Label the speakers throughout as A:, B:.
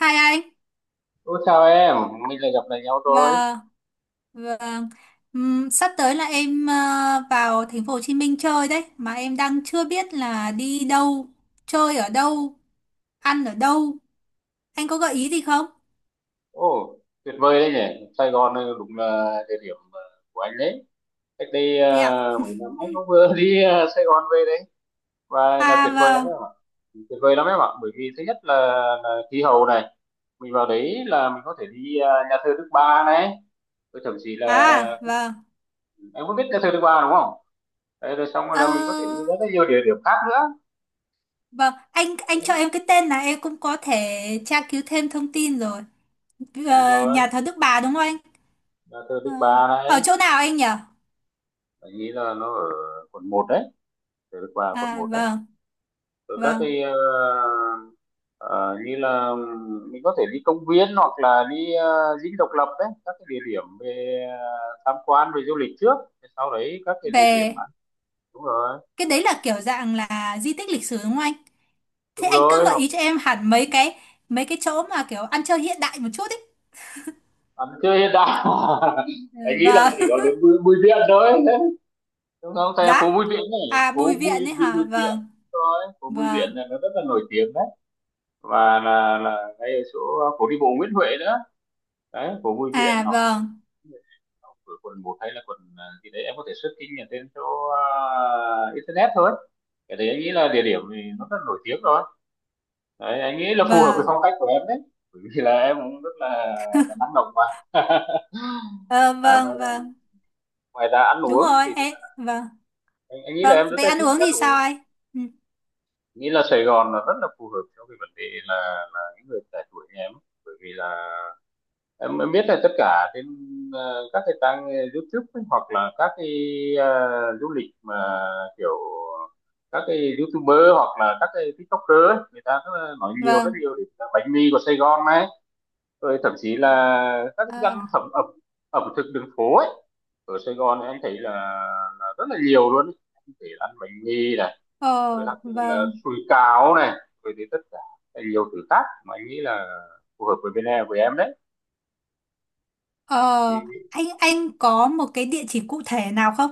A: Hai anh,
B: Ô chào em, mình lại gặp lại nhau rồi.
A: vâng, vâng. Sắp tới là em vào thành phố Hồ Chí Minh chơi đấy, mà em đang chưa biết là đi đâu, chơi ở đâu, ăn ở đâu. Anh có gợi ý gì không?
B: Ồ, tuyệt vời đấy nhỉ. Sài Gòn này đúng là địa điểm của anh đấy. Cách đây
A: Thế ạ.
B: mấy năm anh cũng vừa đi Sài Gòn về đấy. Và là
A: À
B: tuyệt vời lắm
A: vâng,
B: em ạ. Tuyệt vời lắm em ạ. Bởi vì thứ nhất là, khí hậu này. Mình vào đấy là mình có thể đi nhà thờ Đức Bà này. Rồi thậm chí là
A: à vâng.
B: em có biết nhà thờ Đức Bà đúng không? Đấy, rồi xong rồi
A: Ờ,
B: là mình có thể đi rất là nhiều địa điểm khác nữa.
A: vâng, anh cho em cái tên là em cũng có thể tra cứu thêm thông tin rồi.
B: Đúng rồi,
A: Nhà thờ Đức Bà đúng không anh?
B: nhà thờ
A: Ờ,
B: Đức Bà
A: Ở
B: này.
A: chỗ nào anh nhỉ?
B: Anh nghĩ là nó ở quận một đấy. Thờ Đức Bà quận
A: À
B: một đấy.
A: vâng,
B: Rồi các
A: vâng.
B: cái Ờ, như là mình có thể đi công viên hoặc là đi Dinh Độc Lập đấy, các cái địa điểm về tham quan, về du lịch trước, sau đấy các cái địa điểm
A: Về
B: ăn. Đúng rồi,
A: cái đấy là kiểu dạng là di tích lịch sử đúng không anh?
B: đúng
A: Thế anh cứ
B: rồi,
A: gợi
B: hoặc
A: ý cho em hẳn mấy cái chỗ mà kiểu ăn chơi hiện đại một chút ấy.
B: ăn chơi hiện đại.
A: Ừ,
B: Anh nghĩ là
A: vâng.
B: chỉ có đến Bùi Viện thôi, đúng không thầy?
A: Giá.
B: Phố Bùi Viện này,
A: À
B: phố
A: Bùi
B: Bùi,
A: Viện ấy
B: đi
A: hả?
B: Bùi Viện.
A: Vâng.
B: Đúng rồi, phố Bùi
A: Vâng.
B: Viện này nó rất là nổi tiếng đấy, và là ngay ở chỗ phố đi bộ Nguyễn Huệ nữa. Đấy, phố Bùi Viện,
A: À
B: hoặc
A: vâng.
B: ở quận một hay là quận gì đấy em có thể search trên trên chỗ internet thôi. Cái đấy anh nghĩ là địa điểm thì nó rất nổi tiếng rồi. Đấy, anh nghĩ là phù hợp với
A: Vâng.
B: phong cách của em đấy, bởi vì là em cũng rất là, năng động mà.
A: Ờ,
B: À,
A: vâng, vâng.
B: ăn
A: Đúng
B: uống
A: rồi.
B: thì
A: Ê, vâng.
B: anh nghĩ là
A: Vâng,
B: em rất
A: về
B: là
A: ăn
B: thích
A: uống
B: ăn
A: thì sao
B: uống.
A: anh? Ừ,
B: Nghĩ là Sài Gòn là rất là phù hợp cho cái vấn đề là những người trẻ tuổi như em, bởi vì là em biết là tất cả trên các cái trang YouTube ấy, hoặc là các cái ờ, du lịch mà kiểu các cái YouTuber hoặc là các cái TikToker ấy, người ta rất là nói nhiều, rất
A: vâng.
B: nhiều đến bánh mì của Sài Gòn này, rồi thậm chí là các cái thức
A: Ờ.
B: ăn thẩm ẩm ẩm thực đường phố ấy ở Sài Gòn. Em thấy là, rất là nhiều luôn ấy. Em thấy ăn bánh mì này, rồi
A: Ờ,
B: ăn là
A: vâng.
B: sủi cảo này, rồi thì tất cả nhiều thứ khác mà anh nghĩ là phù hợp với bên em, với em đấy
A: Ờ
B: thì
A: anh có một cái địa chỉ cụ thể nào không?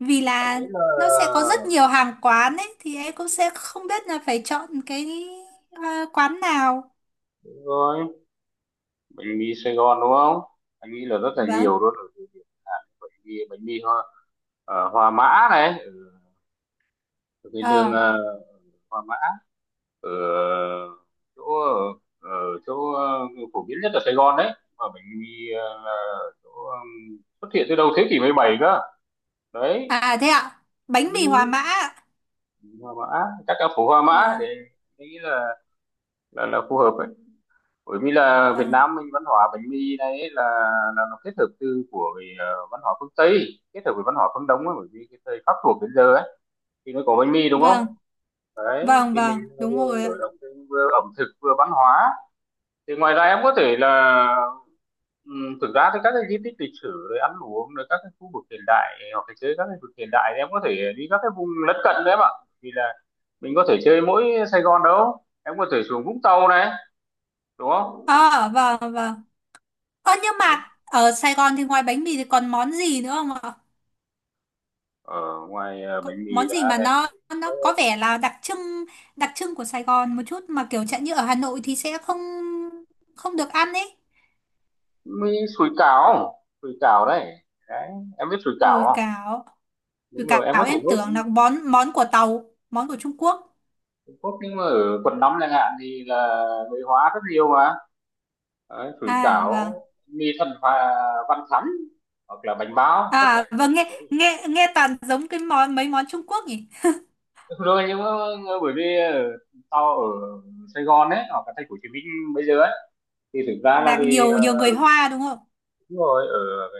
A: Vì
B: anh
A: là
B: nghĩ là.
A: nó sẽ có rất nhiều hàng quán ấy thì em cũng sẽ không biết là phải chọn cái quán nào.
B: Đúng rồi, bánh mì Sài Gòn đúng không, anh nghĩ là rất là
A: Vâng.
B: nhiều luôn ở địa điểm. Bánh mì hoa Hòa Mã này, ở ở cái đường
A: Ờ.
B: Hòa Mã, ở chỗ ở chỗ phổ biến nhất ở Sài Gòn đấy, mà bánh mì là chỗ xuất hiện từ đầu thế kỷ 17 cơ đấy.
A: À, thế ạ, bánh mì Hòa Mã
B: Ừ,
A: ạ.
B: Hòa Mã, chắc là phố Hòa Mã, để
A: Vâng,
B: anh nghĩ là là phù hợp, bởi vì là Việt
A: vâng,
B: Nam mình văn hóa bánh mì này ấy, là nó kết hợp từ của cái văn hóa phương Tây kết hợp với văn hóa phương Đông ấy, bởi vì cái thời Pháp thuộc đến giờ ấy thì mới có bánh mì đúng không.
A: vâng,
B: Đấy,
A: vâng,
B: thì mình
A: vâng, đúng
B: vừa
A: rồi
B: mở
A: ạ.
B: rộng thêm, vừa ẩm thực, vừa văn hóa. Thì ngoài ra em có thể là thực ra thì các cái di tích lịch sử rồi ăn uống, rồi các cái khu vực hiện đại hoặc là chơi các cái vực hiện đại, thì em có thể đi các cái vùng lân cận đấy em ạ, vì là mình có thể chơi mỗi Sài Gòn đâu, em có thể xuống Vũng Tàu này đúng không.
A: Ờ, vâng, vâng. Ơ, nhưng mà ở Sài Gòn thì ngoài bánh mì thì còn món gì nữa không ạ?
B: Ở ngoài
A: Có,
B: bánh mì
A: món gì
B: đã
A: mà
B: thấy,
A: nó
B: có
A: nó có vẻ là đặc trưng của Sài Gòn một chút mà kiểu chẳng như ở Hà Nội thì sẽ không không được ăn ấy.
B: mì, sủi cảo. Sủi cảo đấy. Đấy, em biết sủi cảo
A: Đùi
B: không?
A: cáo,
B: Đúng
A: đùi
B: rồi, em
A: cáo,
B: có thể
A: em
B: đốt
A: tưởng là món món của Tàu, món của Trung Quốc.
B: Trung, nhưng mà ở quần nóng chẳng hạn thì là người hóa rất nhiều mà. Đấy, sủi
A: À vâng.
B: cảo, mì thần và văn thắn, hoặc là bánh bao, tất cả
A: À vâng,
B: những-
A: nghe nghe nghe toàn giống cái mấy món Trung Quốc nhỉ?
B: rồi, nhưng mà bởi vì tao ở Sài Gòn ấy, hoặc là thành phố Hồ Chí Minh bây giờ ấy, thì thực ra là
A: Là
B: thì
A: nhiều nhiều người Hoa đúng không?
B: đúng rồi, ở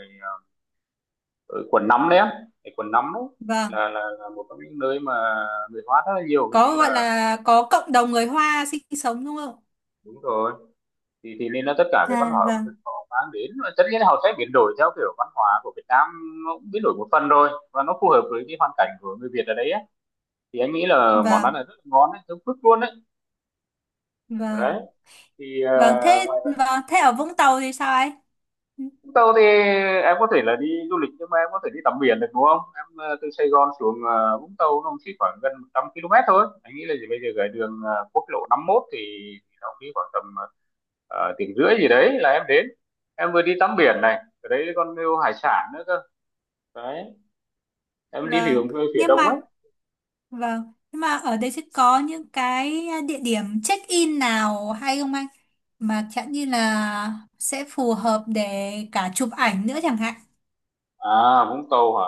B: ở quận 5 đấy á, cái quận 5 đấy
A: Vâng,
B: là một trong những nơi mà người hóa rất là nhiều, hình như
A: có gọi
B: là,
A: là có cộng đồng người Hoa sinh sống đúng không?
B: đúng rồi, thì nên là tất cả cái văn
A: À
B: hóa ẩm thực
A: vâng,
B: họ mang đến, và tất nhiên là họ sẽ biến đổi theo kiểu văn hóa của Việt Nam. Nó cũng biến đổi một phần rồi và nó phù hợp với cái hoàn cảnh của người Việt ở đấy á. Thì anh nghĩ là món ăn là
A: vâng,
B: rất là ngon đấy, giống phức luôn đấy. Đấy
A: vâng.
B: thì
A: Vâng, thế, vâng, thế ở Vũng Tàu thì sao ấy?
B: Vũng Tàu thì em có thể là đi du lịch, nhưng mà em có thể đi tắm biển được đúng không? Em từ Sài Gòn xuống Vũng Tàu nó cũng chỉ khoảng gần 100 km thôi. Anh nghĩ là gì bây giờ cái đường quốc lộ 51 thì nó cũng đi khoảng tầm tiếng rưỡi gì đấy là em đến. Em vừa đi tắm biển này, ở đấy còn nhiều hải sản nữa cơ. Đấy, em đi phía
A: Vâng,
B: phía
A: nhưng
B: đông ấy.
A: mà, vâng, nhưng mà ở đây sẽ có những cái địa điểm check-in nào hay không anh? Mà chẳng như là sẽ phù hợp để cả chụp ảnh nữa chẳng hạn.
B: À, Vũng Tàu hả?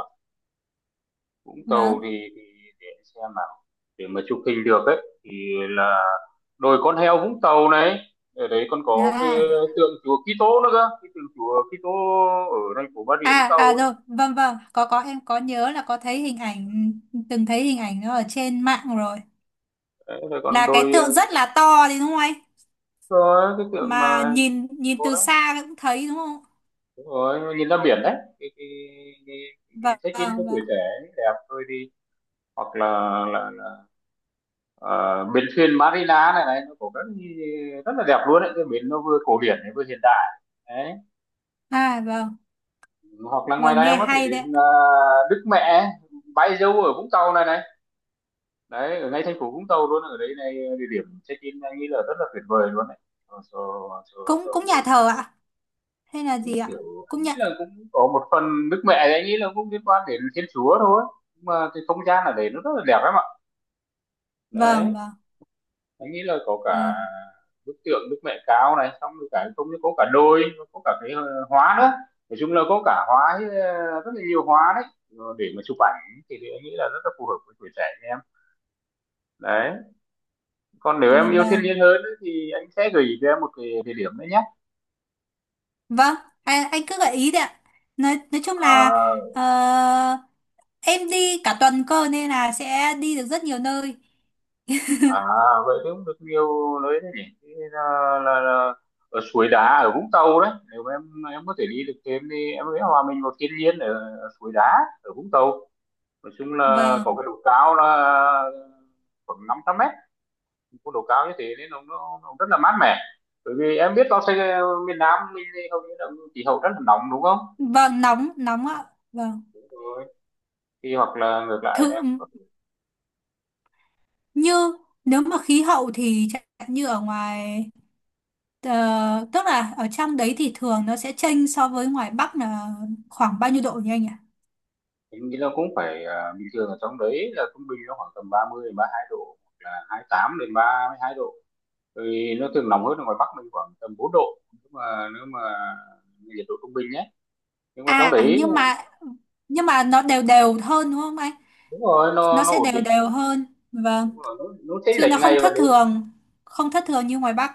B: Vũng Tàu
A: Vâng.
B: thì để em xem nào. Để mà chụp hình được ấy thì là đồi con heo Vũng Tàu này, ở đấy còn có cái
A: À.
B: tượng chùa Kitô nữa cơ, cái tượng chùa Kitô ở thành phố Bà Rịa Vũng
A: À à,
B: Tàu
A: rồi, vâng vâng, có em có nhớ là có thấy hình ảnh từng thấy hình ảnh nó ở trên mạng rồi.
B: ấy. Rồi còn
A: Là cái
B: đồi
A: tượng rất là to thì đúng không anh?
B: có cái tượng
A: Mà
B: mà hình chữ
A: nhìn nhìn
B: cô
A: từ
B: đó.
A: xa cũng thấy đúng không?
B: Đúng rồi, nhìn ra biển đấy, cái cái cái, cái
A: Vâng,
B: check in cho
A: vâng.
B: tuổi
A: Vâng.
B: trẻ ấy, đẹp thôi đi, hoặc là là ờ, bến thuyền Marina này này nó có rất, rất là đẹp luôn đấy, cái bến nó vừa cổ điển này vừa hiện đại đấy,
A: À vâng,
B: hoặc là ngoài
A: vâng,
B: ra em
A: nghe
B: có thể
A: hay đấy.
B: đến Đức Mẹ Bái Dâu ở Vũng Tàu này này đấy, ở ngay thành phố Vũng Tàu luôn ở đấy này, địa điểm check in anh nghĩ là rất là tuyệt vời luôn đấy, cho cho cho,
A: Cũng
B: cho
A: cũng
B: người,
A: nhà thờ ạ hay là
B: cũng
A: gì ạ?
B: kiểu
A: Cũng
B: anh nghĩ
A: nhận.
B: là cũng có một phần nước mẹ thì anh nghĩ là cũng liên quan đến Thiên Chúa thôi, nhưng mà cái không gian ở đấy nó rất là đẹp lắm ạ.
A: Vâng,
B: Đấy,
A: vâng.
B: anh nghĩ là có
A: Ờ.
B: cả bức tượng Đức Mẹ Cao này, xong rồi cả không, có cả đôi, có cả cái hóa nữa, nói chung là có cả hóa, rất là nhiều hóa đấy. Ờ, để mà chụp ảnh thì anh nghĩ là rất là phù hợp với tuổi trẻ em đấy. Còn nếu em
A: À
B: yêu thiên
A: vâng.
B: nhiên hơn ấy, thì anh sẽ gửi cho em một cái địa điểm đấy nhé.
A: Vâng, anh cứ gợi ý đấy ạ. Nói chung là
B: à,
A: ờ, em đi cả tuần cơ nên là sẽ đi được rất nhiều nơi.
B: à vậy thì cũng được nhiều nơi đấy nhỉ. Thì là ở suối đá ở Vũng Tàu đấy, nếu mà em có thể đi được thêm thì em sẽ hòa mình vào thiên nhiên ở suối đá ở Vũng Tàu, nói chung là có cái
A: Vâng.
B: độ cao là khoảng 500 mét. Có độ cao như thế nên nó rất là mát mẻ, bởi vì em biết nó sẽ, miền Nam mình thì hầu như là khí hậu rất là nóng đúng không.
A: Vâng, nóng, nóng ạ. Vâng.
B: Rồi thì hoặc là ngược lại
A: Thử
B: em,
A: như Nếu mà khí hậu thì chẳng hạn như ở ngoài tức là ở trong đấy thì thường nó sẽ chênh so với ngoài Bắc là khoảng bao nhiêu độ nhỉ anh ạ?
B: nghĩ nó cũng phải, à, bình thường ở trong đấy là trung bình nó khoảng tầm 30 đến 32 độ, hoặc là 28 đến 32 độ, thì nó thường nóng hơn ở ngoài Bắc mình khoảng tầm 4 độ, nhưng mà nếu mà nhiệt độ trung bình nhé. Nhưng mà trong
A: À,
B: đấy
A: nhưng mà nó đều đều hơn đúng không anh?
B: đúng rồi, nó
A: Nó
B: nó
A: sẽ
B: ổn
A: đều
B: định.
A: đều hơn.
B: Đúng
A: Vâng.
B: rồi, nó chênh
A: Chứ
B: lệch
A: nó không
B: ngày và
A: thất
B: đêm.
A: thường, không thất thường như ngoài Bắc.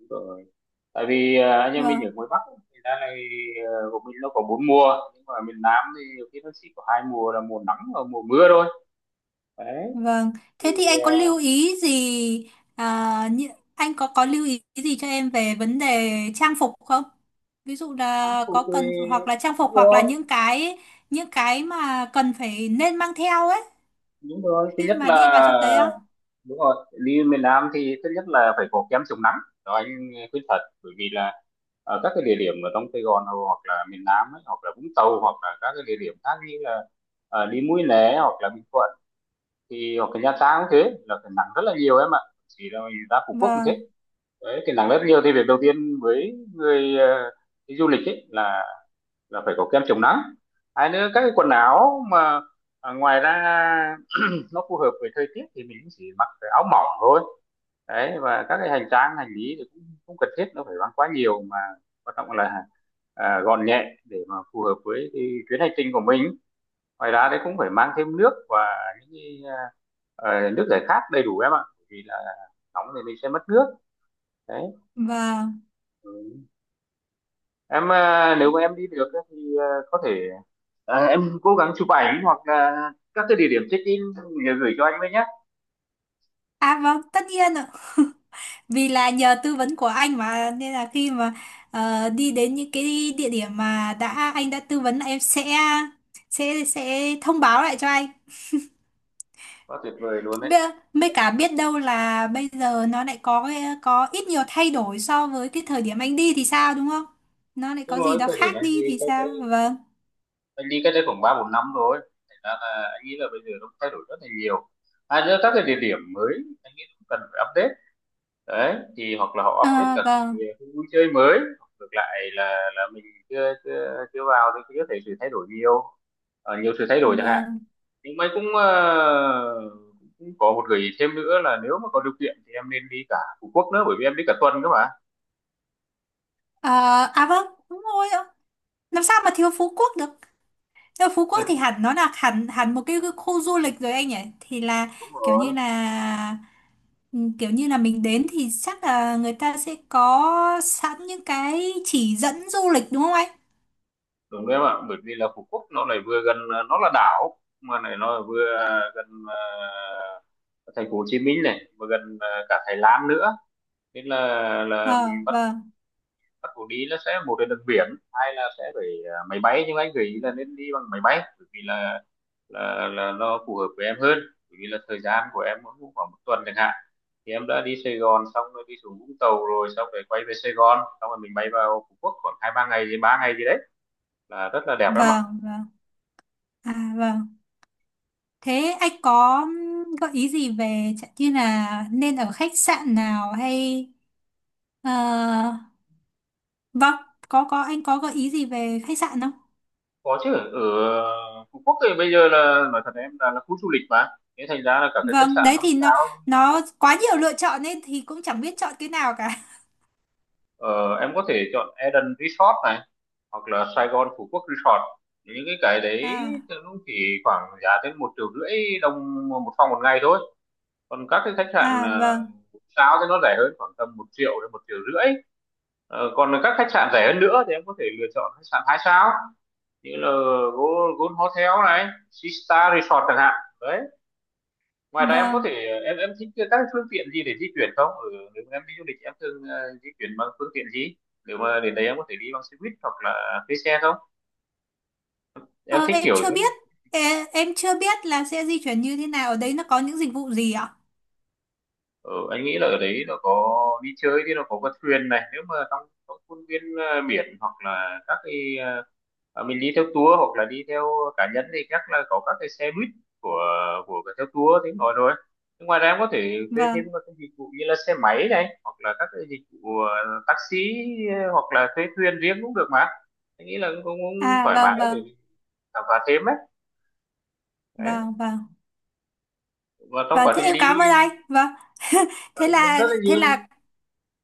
B: Đúng rồi. Tại vì anh em mình
A: Vâng.
B: ở ngoài Bắc ấy, thì ra này, của mình nó có 4 mùa, nhưng mà miền Nam thì nhiều khi nó chỉ có 2 mùa là mùa nắng và mùa mưa thôi. Đấy.
A: Vâng,
B: Thì
A: thế thì anh có
B: à,
A: lưu ý gì à, như- anh có lưu ý gì cho em về vấn đề trang phục không? Ví dụ
B: tăng
A: là có
B: phục thì
A: cần hoặc là trang
B: đúng
A: phục hoặc là
B: rồi.
A: những cái mà cần phải nên mang theo ấy
B: Đúng rồi, thứ
A: khi
B: nhất
A: mà đi vào
B: là,
A: trong đấy á.
B: đúng rồi, đi miền Nam thì thứ nhất là phải có kem chống nắng. Đó anh khuyên thật, bởi vì là ở các cái địa điểm ở trong Sài Gòn hoặc là miền Nam ấy, hoặc là Vũng Tàu, hoặc là các cái địa điểm khác như là đi Mũi Né hoặc là Bình Thuận, thì hoặc là Nha Trang cũng thế, là cái nắng rất là nhiều em ạ. Chỉ là mình ra Phú Quốc cũng thế.
A: Vâng,
B: Đấy, cái nắng rất nhiều, thì việc đầu tiên với người đi du lịch ấy là phải có kem chống nắng. Hai nữa các cái quần áo mà ngoài ra nó phù hợp với thời tiết thì mình chỉ mặc cái áo mỏng thôi. Đấy, và các cái hành trang hành lý thì cũng không cần thiết nó phải mang quá nhiều, mà quan trọng là gọn nhẹ để mà phù hợp với cái chuyến hành trình của mình. Ngoài ra đấy cũng phải mang thêm nước và những cái, nước giải khát đầy đủ em ạ. Bởi vì là nóng thì mình sẽ mất nước. Đấy.
A: vâng.
B: Ừ. Em à, nếu mà em đi được ấy thì có thể, em cố gắng chụp ảnh hoặc là các cái địa điểm check in gửi cho anh với nhé.
A: À vâng, tất nhiên ạ. Vì là nhờ tư vấn của anh mà nên là khi mà đi đến những cái địa điểm mà anh đã tư vấn là em sẽ thông báo lại cho anh.
B: Quá tuyệt vời luôn đấy.
A: Mấy cả biết đâu là bây giờ nó lại có có ít nhiều thay đổi so với cái thời điểm anh đi thì sao, đúng không? Nó lại
B: Đúng
A: có gì
B: rồi,
A: đó
B: thời điểm
A: khác
B: anh đi
A: đi thì
B: có,
A: sao? Vâng.
B: anh đi cách đây khoảng 3-4 năm rồi, thành ra là anh nghĩ là bây giờ nó cũng thay đổi rất là nhiều. À nữa, các cái địa điểm mới anh nghĩ cũng cần phải update. Đấy, thì hoặc là họ update
A: À,
B: cả cái,
A: vâng,
B: cái vui chơi mới, hoặc ngược lại là mình chưa chưa, chưa vào thì có thể sự thay đổi nhiều. Ờ, nhiều sự thay đổi chẳng hạn.
A: vâng.
B: Nhưng mà cũng cũng có một gợi ý thêm nữa là nếu mà có điều kiện thì em nên đi cả Phú Quốc nữa, bởi vì em đi cả tuần cơ mà.
A: À, à vâng, đúng rồi ạ. Làm sao mà thiếu Phú Quốc được? Nhưng mà Phú Quốc thì hẳn nó là hẳn hẳn một cái khu du lịch rồi anh nhỉ? Thì là
B: Đúng
A: kiểu như
B: rồi.
A: là mình đến thì chắc là người ta sẽ có sẵn những cái chỉ dẫn du lịch đúng không anh?
B: Đúng đấy em ạ, bởi vì là Phú Quốc nó lại vừa gần, nó là đảo mà này, nó vừa gần thành phố Hồ Chí Minh này, vừa gần cả Thái Lan nữa. Nên là mình
A: Ờ,
B: bắt
A: vâng,
B: bắt buộc đi nó sẽ một là đường biển, hai là sẽ phải máy bay. Nhưng mà anh gợi ý là nên đi bằng máy bay bởi vì là nó phù hợp với em hơn. Bởi vì là thời gian của em cũng khoảng một tuần chẳng hạn, thì em đã đi Sài Gòn xong rồi đi xuống Vũng Tàu, rồi xong rồi quay về Sài Gòn, xong rồi mình bay vào Phú Quốc khoảng 2-3 ngày gì, 3 ngày gì đấy, là rất là đẹp lắm ạ.
A: vâng, vâng. À vâng. Thế anh có gợi ý gì về chẳng như là nên ở khách sạn nào hay ờ, vâng, có anh có gợi ý gì về khách sạn không?
B: Có chứ, ở Phú Quốc thì bây giờ là nói thật em, là khu du lịch mà, thế thành ra là cả cái khách
A: Vâng,
B: sạn
A: đấy
B: năm
A: thì nó
B: sao
A: nó quá nhiều lựa chọn nên thì cũng chẳng biết chọn cái nào cả.
B: Ờ, em có thể chọn Eden Resort này hoặc là Sài Gòn Phú Quốc Resort, những cái đấy
A: À
B: thì nó chỉ khoảng giá tới 1.500.000 đồng một phòng một ngày thôi. Còn các cái khách sạn
A: à, vâng
B: 1 sao thì nó rẻ hơn khoảng tầm 1.000.000 đến 1.500.000. Ờ, còn các khách sạn rẻ hơn nữa thì em có thể lựa chọn khách sạn 2 sao như là Gold Hotel này, Sea Star Resort chẳng hạn. Đấy. Ngoài ra em có
A: vâng,
B: thể, em thích các cái phương tiện gì để di chuyển không? Ở nếu mà em đi du lịch em thường di chuyển bằng phương tiện gì? Nếu mà đến đấy em có thể đi bằng xe buýt hoặc là thuê xe không? Em
A: ờ,
B: thích
A: em
B: kiểu.
A: chưa biết Ê, em chưa biết là sẽ di chuyển như thế nào, ở đấy nó có những dịch vụ gì ạ?
B: Ở anh nghĩ là ở đấy nó có, đi chơi thì nó có con thuyền này nếu mà trong khuôn viên biển, hoặc là các cái, mình đi theo tour hoặc là đi theo cá nhân thì chắc là có các cái xe buýt của của cái theo tour tiếng nói rồi. Nhưng ngoài ra em có thể thuê thêm
A: Vâng,
B: các cái dịch vụ như là xe máy này, hoặc là các cái dịch vụ taxi, hoặc là thuê thuyền riêng cũng được mà anh nghĩ là cũng
A: à,
B: thoải
A: vâng,
B: mái để
A: vâng,
B: khám phá thêm ấy. Đấy.
A: vâng, vâng,
B: Và trong
A: vâng,
B: quá
A: thế
B: trình
A: em
B: đi,
A: cảm ơn anh, vâng.
B: cảm
A: Thế
B: ơn em rất
A: là
B: là nhiều.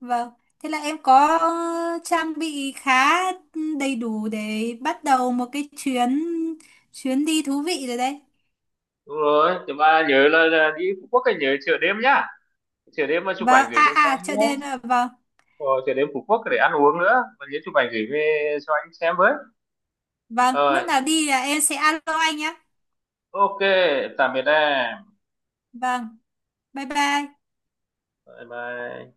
A: vâng, thế là em có trang bị khá đầy đủ để bắt đầu một cái chuyến chuyến đi thú vị rồi đấy.
B: Đúng rồi, thì mà nhớ là đi Phú Quốc anh nhớ chợ đêm nhá, chợ đêm mà chụp
A: Vâng,
B: ảnh gửi
A: à
B: về cho
A: à,
B: anh
A: chợ đêm
B: nhé.
A: ạ. Vâng,
B: Rồi chợ đêm Phú Quốc để ăn uống nữa, và nhớ chụp ảnh gửi về cho anh xem với.
A: vâng, lúc
B: Ờ,
A: nào đi là em sẽ alo anh nhé.
B: ok, tạm biệt em.
A: Vâng, bye bye.
B: Bye bye.